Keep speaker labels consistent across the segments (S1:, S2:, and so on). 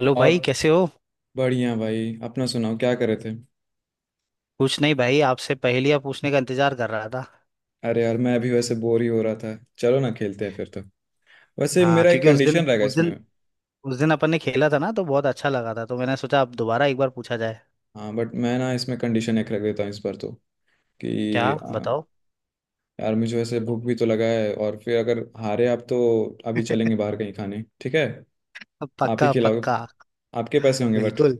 S1: Hello
S2: और।
S1: भाई कैसे हो।
S2: बढ़िया भाई, अपना सुनाओ, क्या कर रहे थे?
S1: कुछ नहीं भाई आपसे पहेलियां पूछने का इंतजार कर रहा था।
S2: अरे यार मैं अभी वैसे बोर ही हो रहा था। चलो ना, खेलते हैं फिर तो। वैसे
S1: हाँ
S2: मेरा एक
S1: क्योंकि उस दिन
S2: कंडीशन रहेगा
S1: उस
S2: इसमें।
S1: दिन उस दिन अपन ने खेला था ना तो बहुत अच्छा लगा था तो मैंने सोचा अब दोबारा एक बार पूछा जाए।
S2: हाँ बट मैं ना, इसमें कंडीशन एक रख देता हूँ इस बार तो।
S1: क्या
S2: कि
S1: बताओ।
S2: यार मुझे वैसे भूख भी तो लगा है, और फिर अगर हारे आप तो अभी चलेंगे बाहर कहीं खाने, ठीक है।
S1: अब
S2: आप ही
S1: पक्का
S2: खिलाओगे,
S1: पक्का
S2: आपके पैसे होंगे बट।
S1: बिल्कुल।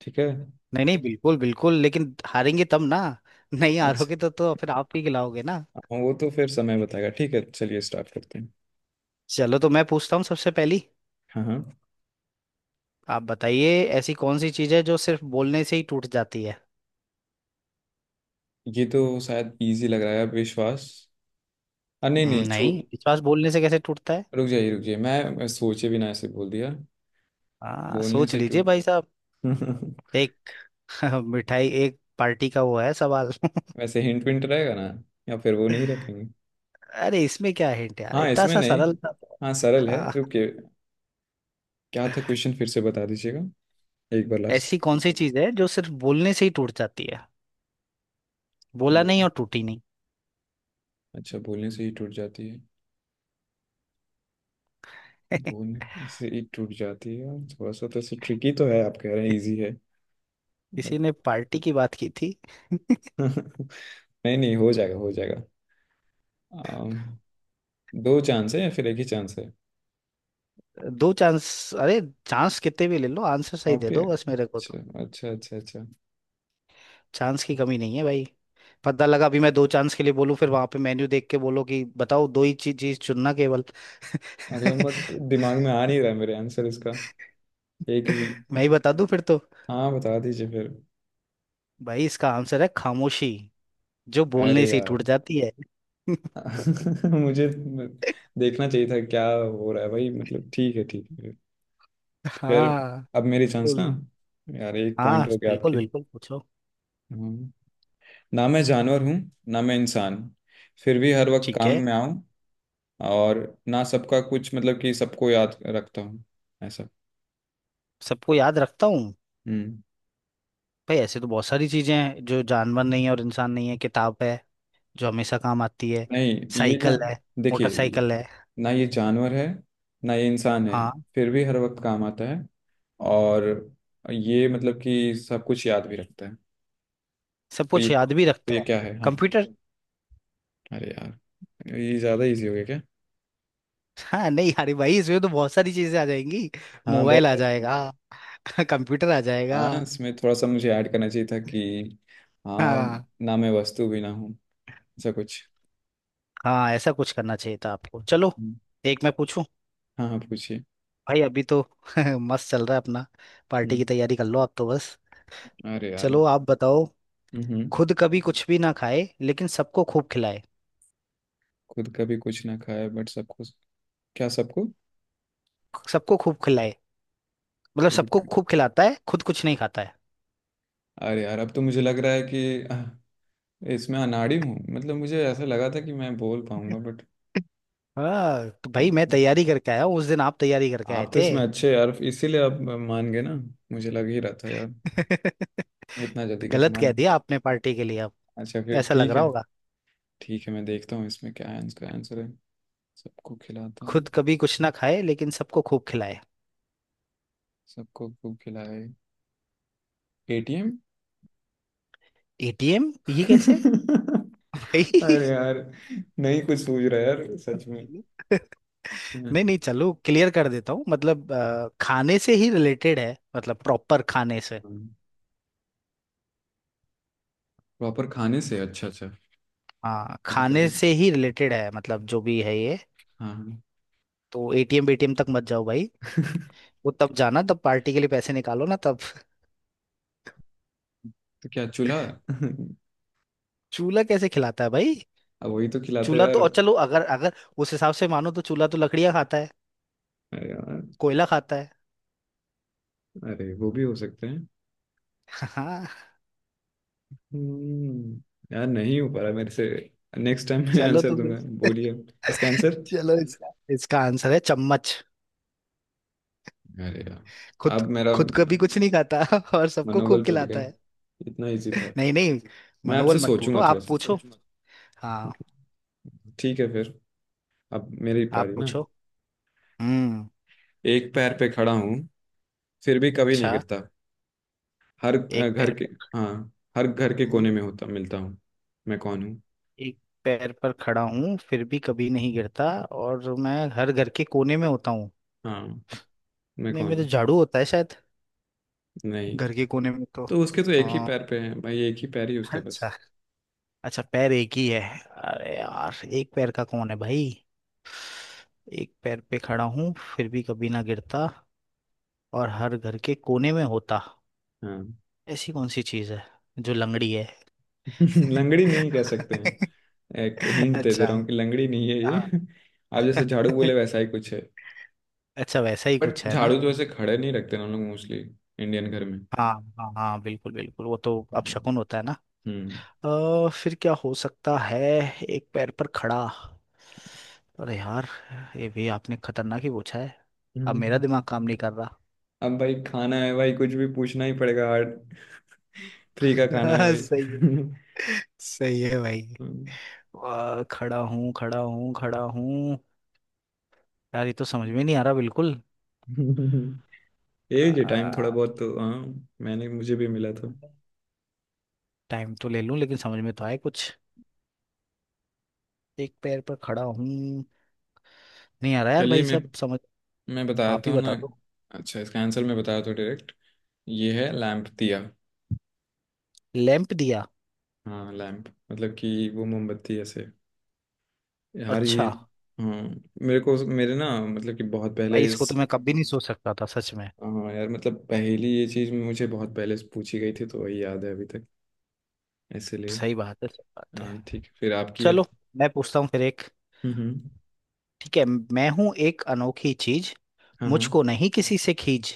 S2: ठीक है।
S1: नहीं नहीं बिल्कुल बिल्कुल लेकिन हारेंगे तब ना। नहीं
S2: अच्छा।
S1: हारोगे तो फिर आप ही खिलाओगे ना।
S2: हाँ, वो तो फिर समय बताएगा। ठीक है चलिए स्टार्ट करते हैं।
S1: चलो तो मैं पूछता हूँ सबसे पहली।
S2: हाँ हाँ।
S1: आप बताइए। ऐसी कौन सी चीज़ है जो सिर्फ बोलने से ही टूट जाती है।
S2: ये तो शायद इजी लग रहा है, विश्वास। नहीं नहीं, छू।
S1: नहीं विश्वास बोलने से कैसे टूटता है।
S2: रुक जाइए रुक जाइए, मैं सोचे भी ना ऐसे बोल दिया।
S1: हाँ
S2: बोलने
S1: सोच
S2: से टू।
S1: लीजिए भाई साहब। एक मिठाई एक पार्टी का वो है सवाल।
S2: वैसे हिंट विंट रहेगा ना? या फिर वो नहीं रखेंगे?
S1: अरे इसमें क्या हिंट यार
S2: हाँ
S1: इतना
S2: इसमें
S1: सा
S2: नहीं।
S1: सरल था तो।
S2: हाँ सरल है,
S1: हाँ
S2: रुकिए। क्या था क्वेश्चन, फिर से बता दीजिएगा एक बार, लास्ट।
S1: ऐसी कौन सी चीज है जो सिर्फ बोलने से ही टूट जाती है। बोला
S2: बोल।
S1: नहीं और टूटी नहीं।
S2: अच्छा, बोलने से ही टूट जाती है। बोलने से ही टूट जाती है, थोड़ा सा तो ऐसे ट्रिकी तो है, आप कह रहे हैं इजी है।
S1: किसी
S2: बट।
S1: ने पार्टी की बात की थी।
S2: नहीं नहीं, हो जाएगा हो जाएगा। अम, दो चांस है या फिर एक ही चांस है?
S1: दो चांस। अरे चांस कितने भी ले लो आंसर सही दे
S2: ओके।
S1: दो बस मेरे को
S2: अच्छा
S1: तो।
S2: अच्छा अच्छा अच्छा।
S1: चांस की कमी नहीं है भाई। पता लगा अभी मैं दो चांस के लिए बोलूं फिर वहां पे मेन्यू देख के बोलो कि बताओ दो ही चीज चीज चुनना केवल।
S2: अरे बट दिमाग में आ नहीं रहा है मेरे, आंसर इसका। एक भी।
S1: मैं ही बता दूं फिर तो।
S2: हाँ बता दीजिए फिर।
S1: भाई इसका आंसर है खामोशी। जो बोलने
S2: अरे
S1: से ही टूट
S2: यार।
S1: जाती है।
S2: मुझे देखना चाहिए था क्या हो रहा है भाई, मतलब ठीक है ठीक है। फिर।
S1: हाँ
S2: अब मेरी चांस ना।
S1: फुल।
S2: यार एक
S1: हाँ
S2: पॉइंट हो गया
S1: बिल्कुल
S2: आपकी।
S1: बिल्कुल पूछो।
S2: हम्म। ना मैं जानवर हूँ, ना मैं इंसान। फिर भी हर वक्त
S1: ठीक
S2: काम
S1: है।
S2: में आऊँ। और। ना सबका कुछ, मतलब कि सबको याद रखता हूँ। ऐसा।
S1: सबको याद रखता हूँ।
S2: हम्म।
S1: भाई ऐसे तो बहुत सारी चीजें हैं जो जानवर नहीं है और इंसान नहीं है किताब है। जो हमेशा काम आती है।
S2: नहीं। ये ना,
S1: साइकिल है।
S2: देखिए।
S1: मोटरसाइकिल है।
S2: ना ये जानवर है, ना ये इंसान है।
S1: हाँ
S2: फिर भी हर वक्त काम आता है। और ये मतलब कि सब कुछ याद भी रखता है।
S1: सब कुछ याद भी
S2: तो
S1: रखता
S2: ये
S1: है।
S2: क्या है, हाँ?
S1: कंप्यूटर।
S2: अरे यार, ये ज़्यादा इजी हो गया क्या?
S1: हाँ नहीं अरे भाई इसमें तो बहुत सारी चीजें आ जाएंगी।
S2: हाँ, बहुत
S1: मोबाइल आ
S2: सारी चीज़।
S1: जाएगा। कंप्यूटर आ जाएगा।
S2: हाँ, इसमें थोड़ा सा मुझे ऐड करना चाहिए था कि। हाँ।
S1: हाँ
S2: ना मैं वस्तु भी ना हूँ, ऐसा कुछ।
S1: हाँ ऐसा कुछ करना चाहिए था आपको चलो।
S2: हम्म,
S1: एक मैं पूछूं।
S2: हाँ हाँ, पूछिए।
S1: भाई अभी तो मस्त चल रहा है अपना। पार्टी की
S2: हम्म,
S1: तैयारी कर लो आप तो बस।
S2: अरे यार।
S1: चलो आप बताओ।
S2: हम्म।
S1: खुद कभी कुछ भी ना खाए लेकिन सबको खूब खिलाए।
S2: खुद कभी कुछ ना खाया, बट सबको, क्या सबको।
S1: सबको खूब खिलाए। मतलब
S2: खुद।
S1: सबको खूब खिलाता है खुद कुछ नहीं खाता है।
S2: अरे यार, अब तो मुझे लग रहा है कि इसमें अनाड़ी हूँ, मतलब मुझे ऐसा लगा था कि मैं बोल पाऊंगा बट।
S1: हाँ तो
S2: खुद।
S1: भाई मैं तैयारी करके आया हूँ उस दिन आप तैयारी करके आए
S2: आप तो
S1: थे।
S2: इसमें अच्छे यार, इसीलिए आप मान गए ना। मुझे लग ही रहा था यार। इतना जल्दी कैसे
S1: गलत
S2: मान
S1: कह
S2: गए?
S1: दिया आपने पार्टी के लिए अब।
S2: अच्छा फिर
S1: ऐसा लग
S2: ठीक
S1: रहा
S2: है।
S1: होगा।
S2: ठीक है, मैं देखता हूँ इसमें क्या है। इसका आंसर है, सबको खिलाता
S1: खुद
S2: है,
S1: कभी कुछ ना खाए लेकिन सबको खूब खिलाए।
S2: सबको खूब खिलाए। एटीएम।
S1: एटीएम ये कैसे भाई।
S2: अरे यार, नहीं कुछ सूझ रहा है यार सच में।
S1: नहीं नहीं चलो क्लियर कर देता हूँ मतलब खाने से ही रिलेटेड है मतलब प्रॉपर खाने से।
S2: प्रॉपर खाने से, अच्छा अच्छा।
S1: हाँ
S2: खुद
S1: खाने
S2: कभी,
S1: से ही रिलेटेड है मतलब जो भी है ये।
S2: हाँ हाँ।
S1: तो एटीएम बीटीएम तक मत जाओ भाई। वो तब जाना तब पार्टी के लिए पैसे निकालो ना तब।
S2: तो क्या, चूल्हा?
S1: चूल्हा कैसे खिलाता है भाई।
S2: अब वही तो खिलाता है
S1: चूल्हा तो
S2: यार।
S1: और चलो अगर अगर उस हिसाब से मानो तो चूल्हा तो लकड़ियाँ खाता है।
S2: अरे यार,
S1: कोयला खाता है।
S2: अरे वो भी हो सकते हैं।
S1: हाँ
S2: हम्म, यार नहीं हो पा रहा मेरे से। नेक्स्ट टाइम मैं
S1: चलो
S2: आंसर
S1: तो
S2: दूंगा।
S1: फिर।
S2: बोलिए इसका आंसर।
S1: चलो इसका इसका आंसर है चम्मच।
S2: अरे यार,
S1: खुद
S2: अब मेरा
S1: खुद कभी कुछ नहीं खाता और सबको खूब
S2: मनोबल टूट
S1: खिलाता
S2: गया।
S1: है।
S2: इतना इजी था।
S1: नहीं नहीं
S2: मैं आपसे
S1: मनोबल मत टूटो
S2: सोचूंगा
S1: आप
S2: थोड़ा
S1: अच्छा
S2: सा।
S1: पूछो सोच मत। हाँ
S2: ठीक है फिर। अब मेरी
S1: आप
S2: पारी ना।
S1: पूछो। हम्म।
S2: एक पैर पे खड़ा हूँ, फिर भी कभी नहीं
S1: अच्छा
S2: गिरता। हर
S1: एक
S2: घर
S1: पैर
S2: के।
S1: पर।
S2: हाँ। हर घर के
S1: हम्म,
S2: कोने में होता मिलता हूँ। मैं कौन हूँ?
S1: एक पैर पर खड़ा हूँ फिर भी कभी नहीं गिरता और मैं हर घर के कोने में होता हूँ।
S2: हाँ। मैं
S1: नहीं
S2: कौन
S1: मेरे
S2: हूँ?
S1: झाड़ू होता है शायद।
S2: नहीं।
S1: घर के कोने में तो।
S2: तो उसके तो एक ही
S1: आ,
S2: पैर पे है भाई, एक ही पैर ही उसका बस।
S1: अच्छा। अच्छा पैर एक ही है। अरे यार एक पैर का कौन है भाई। एक पैर पे खड़ा हूँ फिर भी कभी ना गिरता। और हर घर के कोने में होता।
S2: हाँ।
S1: ऐसी कौन सी चीज है। जो लंगड़ी है।
S2: लंगड़ी नहीं कह सकते हैं। एक हिंट दे दे
S1: अच्छा
S2: रहा हूँ कि लंगड़ी नहीं है ये।
S1: हाँ।
S2: आप जैसे झाड़ू बोले, वैसा ही कुछ है।
S1: अच्छा वैसा ही
S2: बट
S1: कुछ है ना।
S2: झाड़ू तो ऐसे खड़े नहीं रखते ना हम लोग, मोस्टली इंडियन घर में।
S1: हाँ हाँ हाँ बिल्कुल बिल्कुल वो तो अपशकुन होता है ना।
S2: हम्म।
S1: फिर क्या हो सकता है। एक पैर पर खड़ा। अरे यार ये भी आपने खतरनाक ही पूछा है। अब मेरा
S2: हम्म।
S1: दिमाग काम नहीं कर रहा।
S2: अब भाई, खाना है भाई, कुछ भी पूछना ही पड़ेगा हार्ड। फ्री का खाना है भाई।
S1: सही है। सही है भाई। खड़ा हूँ खड़ा हूँ खड़ा हूँ। यार ये तो समझ में नहीं आ रहा बिल्कुल।
S2: ये जी टाइम थोड़ा बहुत तो, हाँ। मैंने, मुझे भी मिला था।
S1: टाइम तो ले लूं लेकिन समझ में तो आए कुछ। एक पैर पर खड़ा हूँ। नहीं आ रहा यार
S2: चलिए
S1: भाई
S2: मैं
S1: सब समझ।
S2: मैं
S1: आप
S2: बताता
S1: ही
S2: हूँ ना।
S1: बता दो।
S2: अच्छा, इसका आंसर मैं बताता हूँ डायरेक्ट। ये है लैम्प दिया।
S1: लैंप दिया।
S2: हाँ लैम्प, मतलब कि वो मोमबत्ती ऐसे। यार ये।
S1: अच्छा
S2: हाँ। मेरे को मेरे ना, मतलब कि बहुत
S1: भाई
S2: पहले
S1: इसको
S2: इस।
S1: तो मैं कभी नहीं सोच सकता था सच में।
S2: हाँ यार, मतलब पहली ये चीज़ मुझे बहुत पहले से पूछी गई थी तो वही याद है अभी तक। इसलिए।
S1: सही बात है सही बात है।
S2: हाँ ठीक है, फिर आपकी है।
S1: चलो मैं पूछता हूँ फिर एक।
S2: हम्म।
S1: ठीक है मैं हूँ एक अनोखी चीज।
S2: हाँ हाँ।
S1: मुझको नहीं किसी से खींच।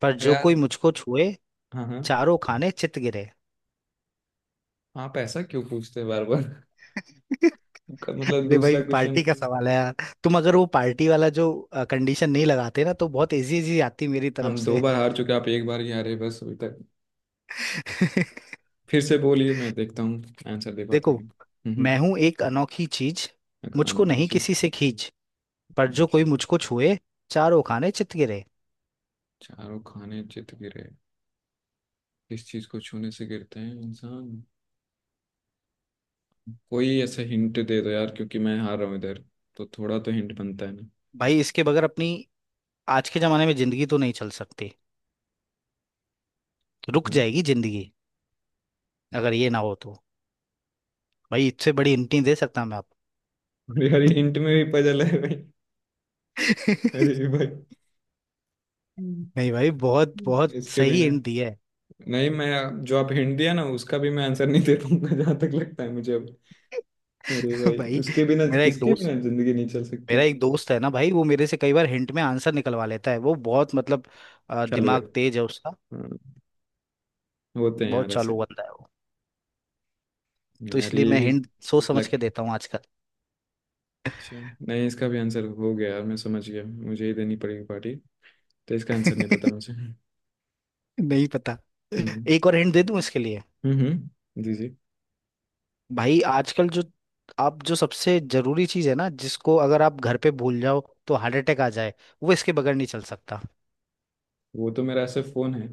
S1: पर
S2: अरे
S1: जो कोई
S2: यार।
S1: मुझको छुए।
S2: हाँ हाँ।
S1: चारों खाने चित गिरे।
S2: आप ऐसा क्यों पूछते हैं बार बार? आपका मतलब
S1: अरे
S2: दूसरा
S1: भाई
S2: क्वेश्चन।
S1: पार्टी का सवाल है यार। तुम अगर वो पार्टी वाला जो कंडीशन नहीं लगाते ना तो बहुत इजी इजी आती मेरी तरफ
S2: हम दो
S1: से।
S2: बार हार चुके, आप एक बार ही हारे बस अभी तक। फिर से बोलिए, मैं देखता हूँ आंसर दे पाता
S1: देखो।
S2: हूँ।
S1: मैं
S2: हम्म
S1: हूं एक अनोखी चीज। मुझको
S2: अनोखी
S1: नहीं
S2: चीज।
S1: किसी से खींच। पर जो कोई
S2: अच्छा।
S1: मुझको छुए। चारों खाने चित गिरे।
S2: चारों खाने चित गिरे। किस चीज को छूने से गिरते हैं इंसान? कोई ऐसा हिंट दे दो यार, क्योंकि मैं हार रहा हूँ इधर, तो थोड़ा तो हिंट बनता है ना।
S1: भाई इसके बगैर अपनी आज के जमाने में जिंदगी तो नहीं चल सकती। रुक
S2: हाँ।
S1: जाएगी जिंदगी। अगर ये ना हो तो। भाई इससे बड़ी हिंट नहीं दे सकता मैं आपको।
S2: अरे अरे, हिंट में भी पजल है भाई। अरे भाई। हम्म।
S1: नहीं भाई बहुत बहुत
S2: इसके
S1: सही
S2: बिना।
S1: हिंट दिया है।
S2: नहीं, मैं जो आप हिंट दिया ना, उसका भी मैं आंसर नहीं दे पाऊंगा जहां तक लगता है मुझे अब। अरे भाई,
S1: भाई
S2: उसके बिना,
S1: मेरा एक
S2: किसके
S1: दोस्त
S2: बिना जिंदगी नहीं चल
S1: मेरा
S2: सकती?
S1: एक दोस्त है ना भाई वो मेरे से कई बार हिंट में आंसर निकलवा लेता है वो बहुत मतलब
S2: चालू है।
S1: दिमाग तेज है उसका।
S2: हाँ। होते हैं यार
S1: बहुत
S2: ऐसे।
S1: चालू बंदा है वो। तो
S2: यार
S1: इसलिए
S2: ये
S1: मैं
S2: भी।
S1: हिंट सोच समझ
S2: लग।
S1: के देता हूँ आजकल।
S2: अच्छा। नहीं, इसका भी आंसर हो गया यार, मैं समझ गया, मुझे ही देनी पड़ेगी पार्टी। तो इसका आंसर नहीं पता मुझे।
S1: नहीं पता।
S2: हम्म।
S1: एक और हिंट दे दूं इसके लिए।
S2: जी जी।
S1: भाई आजकल जो आप जो सबसे जरूरी चीज है ना जिसको अगर आप घर पे भूल जाओ तो हार्ट अटैक आ जाए। वो इसके बगैर नहीं चल सकता।
S2: वो तो मेरा ऐसा फोन है।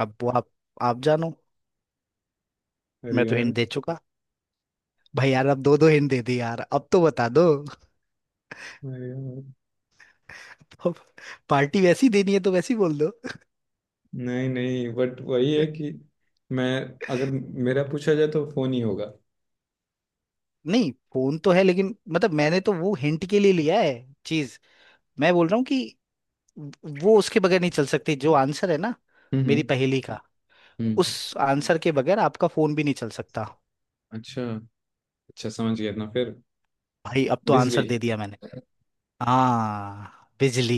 S1: अब वो आप जानो।
S2: अरे
S1: मैं तो
S2: यार।
S1: हिंट दे चुका। भाई यार अब दो दो हिंट दे दी यार अब तो बता दो।
S2: अरे यार,
S1: अब पार्टी वैसी देनी है तो वैसी बोल दो।
S2: नहीं नहीं, बट वही है कि मैं, अगर मेरा पूछा जाए तो फोन ही होगा।
S1: नहीं फोन तो है लेकिन मतलब मैंने तो वो हिंट के लिए लिया है। चीज। मैं बोल रहा हूँ कि वो उसके बगैर नहीं चल सकती जो आंसर है ना।
S2: हम्म।
S1: मेरी पहेली का। उस
S2: हम्म,
S1: आंसर के बगैर आपका फोन भी नहीं चल सकता।
S2: अच्छा। अच्छा समझ गया ना फिर।
S1: भाई अब तो
S2: बिजली।
S1: आंसर दे दिया मैंने। हाँ बिजली।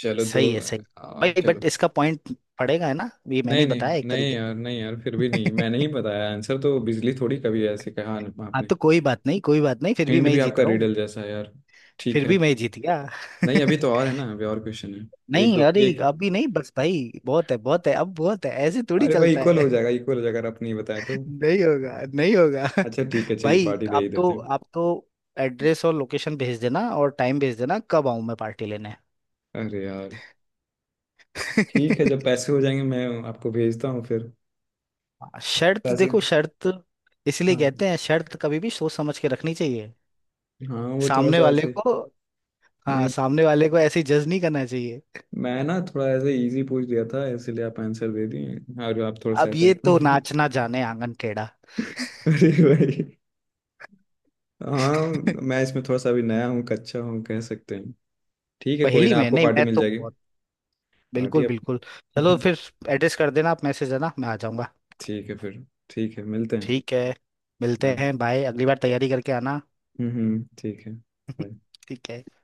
S2: चलो दो।
S1: सही है सही। भाई
S2: चलो।
S1: बट इसका पॉइंट पड़ेगा है ना ये मैंने ही
S2: नहीं नहीं।
S1: बताया एक
S2: नहीं
S1: तरीके
S2: यार, नहीं यार, फिर भी नहीं मैंने
S1: से।
S2: ही बताया आंसर तो, बिजली थोड़ी कभी ऐसे कहा
S1: हाँ
S2: आपने।
S1: तो कोई बात नहीं फिर भी
S2: हिंट
S1: मैं
S2: भी
S1: ही जीत
S2: आपका
S1: रहा हूँ।
S2: रिडल जैसा है यार। ठीक
S1: फिर
S2: है।
S1: भी मैं ही जीत गया।
S2: नहीं अभी तो और है ना, अभी और क्वेश्चन है। एक
S1: नहीं
S2: दो
S1: अरे
S2: एक।
S1: अभी नहीं बस भाई बहुत है अब बहुत है ऐसे थोड़ी
S2: अरे भाई,
S1: चलता है।
S2: इक्वल हो जाएगा अगर आपने बताया तो।
S1: नहीं होगा नहीं होगा।
S2: अच्छा ठीक है, चलिए
S1: भाई
S2: पार्टी दे ही
S1: आप
S2: देते
S1: तो
S2: हैं।
S1: आप तो एड्रेस और लोकेशन भेज देना और टाइम भेज देना कब आऊं मैं पार्टी लेने।
S2: अरे यार। ठीक है, जब पैसे हो जाएंगे मैं आपको भेजता हूँ फिर।
S1: हाँ, शर्त
S2: पैसे।
S1: देखो शर्त। इसलिए
S2: हाँ।
S1: कहते हैं शर्त कभी भी सोच समझ के रखनी चाहिए।
S2: हाँ वो थोड़ा
S1: सामने
S2: सा
S1: वाले
S2: ऐसे।
S1: को। हाँ
S2: नहीं।
S1: सामने वाले को ऐसे जज नहीं करना चाहिए।
S2: मैं ना थोड़ा ऐसे इजी पूछ दिया था, इसलिए आप आंसर दे दिए। और आप थोड़ा सा
S1: अब
S2: ऐसे।
S1: ये तो नाचना जाने आंगन टेढ़ा।
S2: अरे भाई। हाँ। मैं इसमें थोड़ा सा अभी नया हूँ, कच्चा हूँ कह सकते हैं। ठीक है कोई
S1: पहली
S2: ना,
S1: में
S2: आपको
S1: नहीं
S2: पार्टी
S1: मैं
S2: मिल
S1: तो
S2: जाएगी।
S1: बहुत
S2: पार्टी
S1: बिल्कुल
S2: आपको।
S1: बिल्कुल। चलो फिर एड्रेस कर देना आप मैसेज है ना मैं आ जाऊंगा।
S2: ठीक है फिर। ठीक है मिलते हैं।
S1: ठीक है मिलते
S2: बाय।
S1: हैं बाय अगली बार तैयारी करके आना।
S2: ठीक है, बाय।
S1: ठीक है।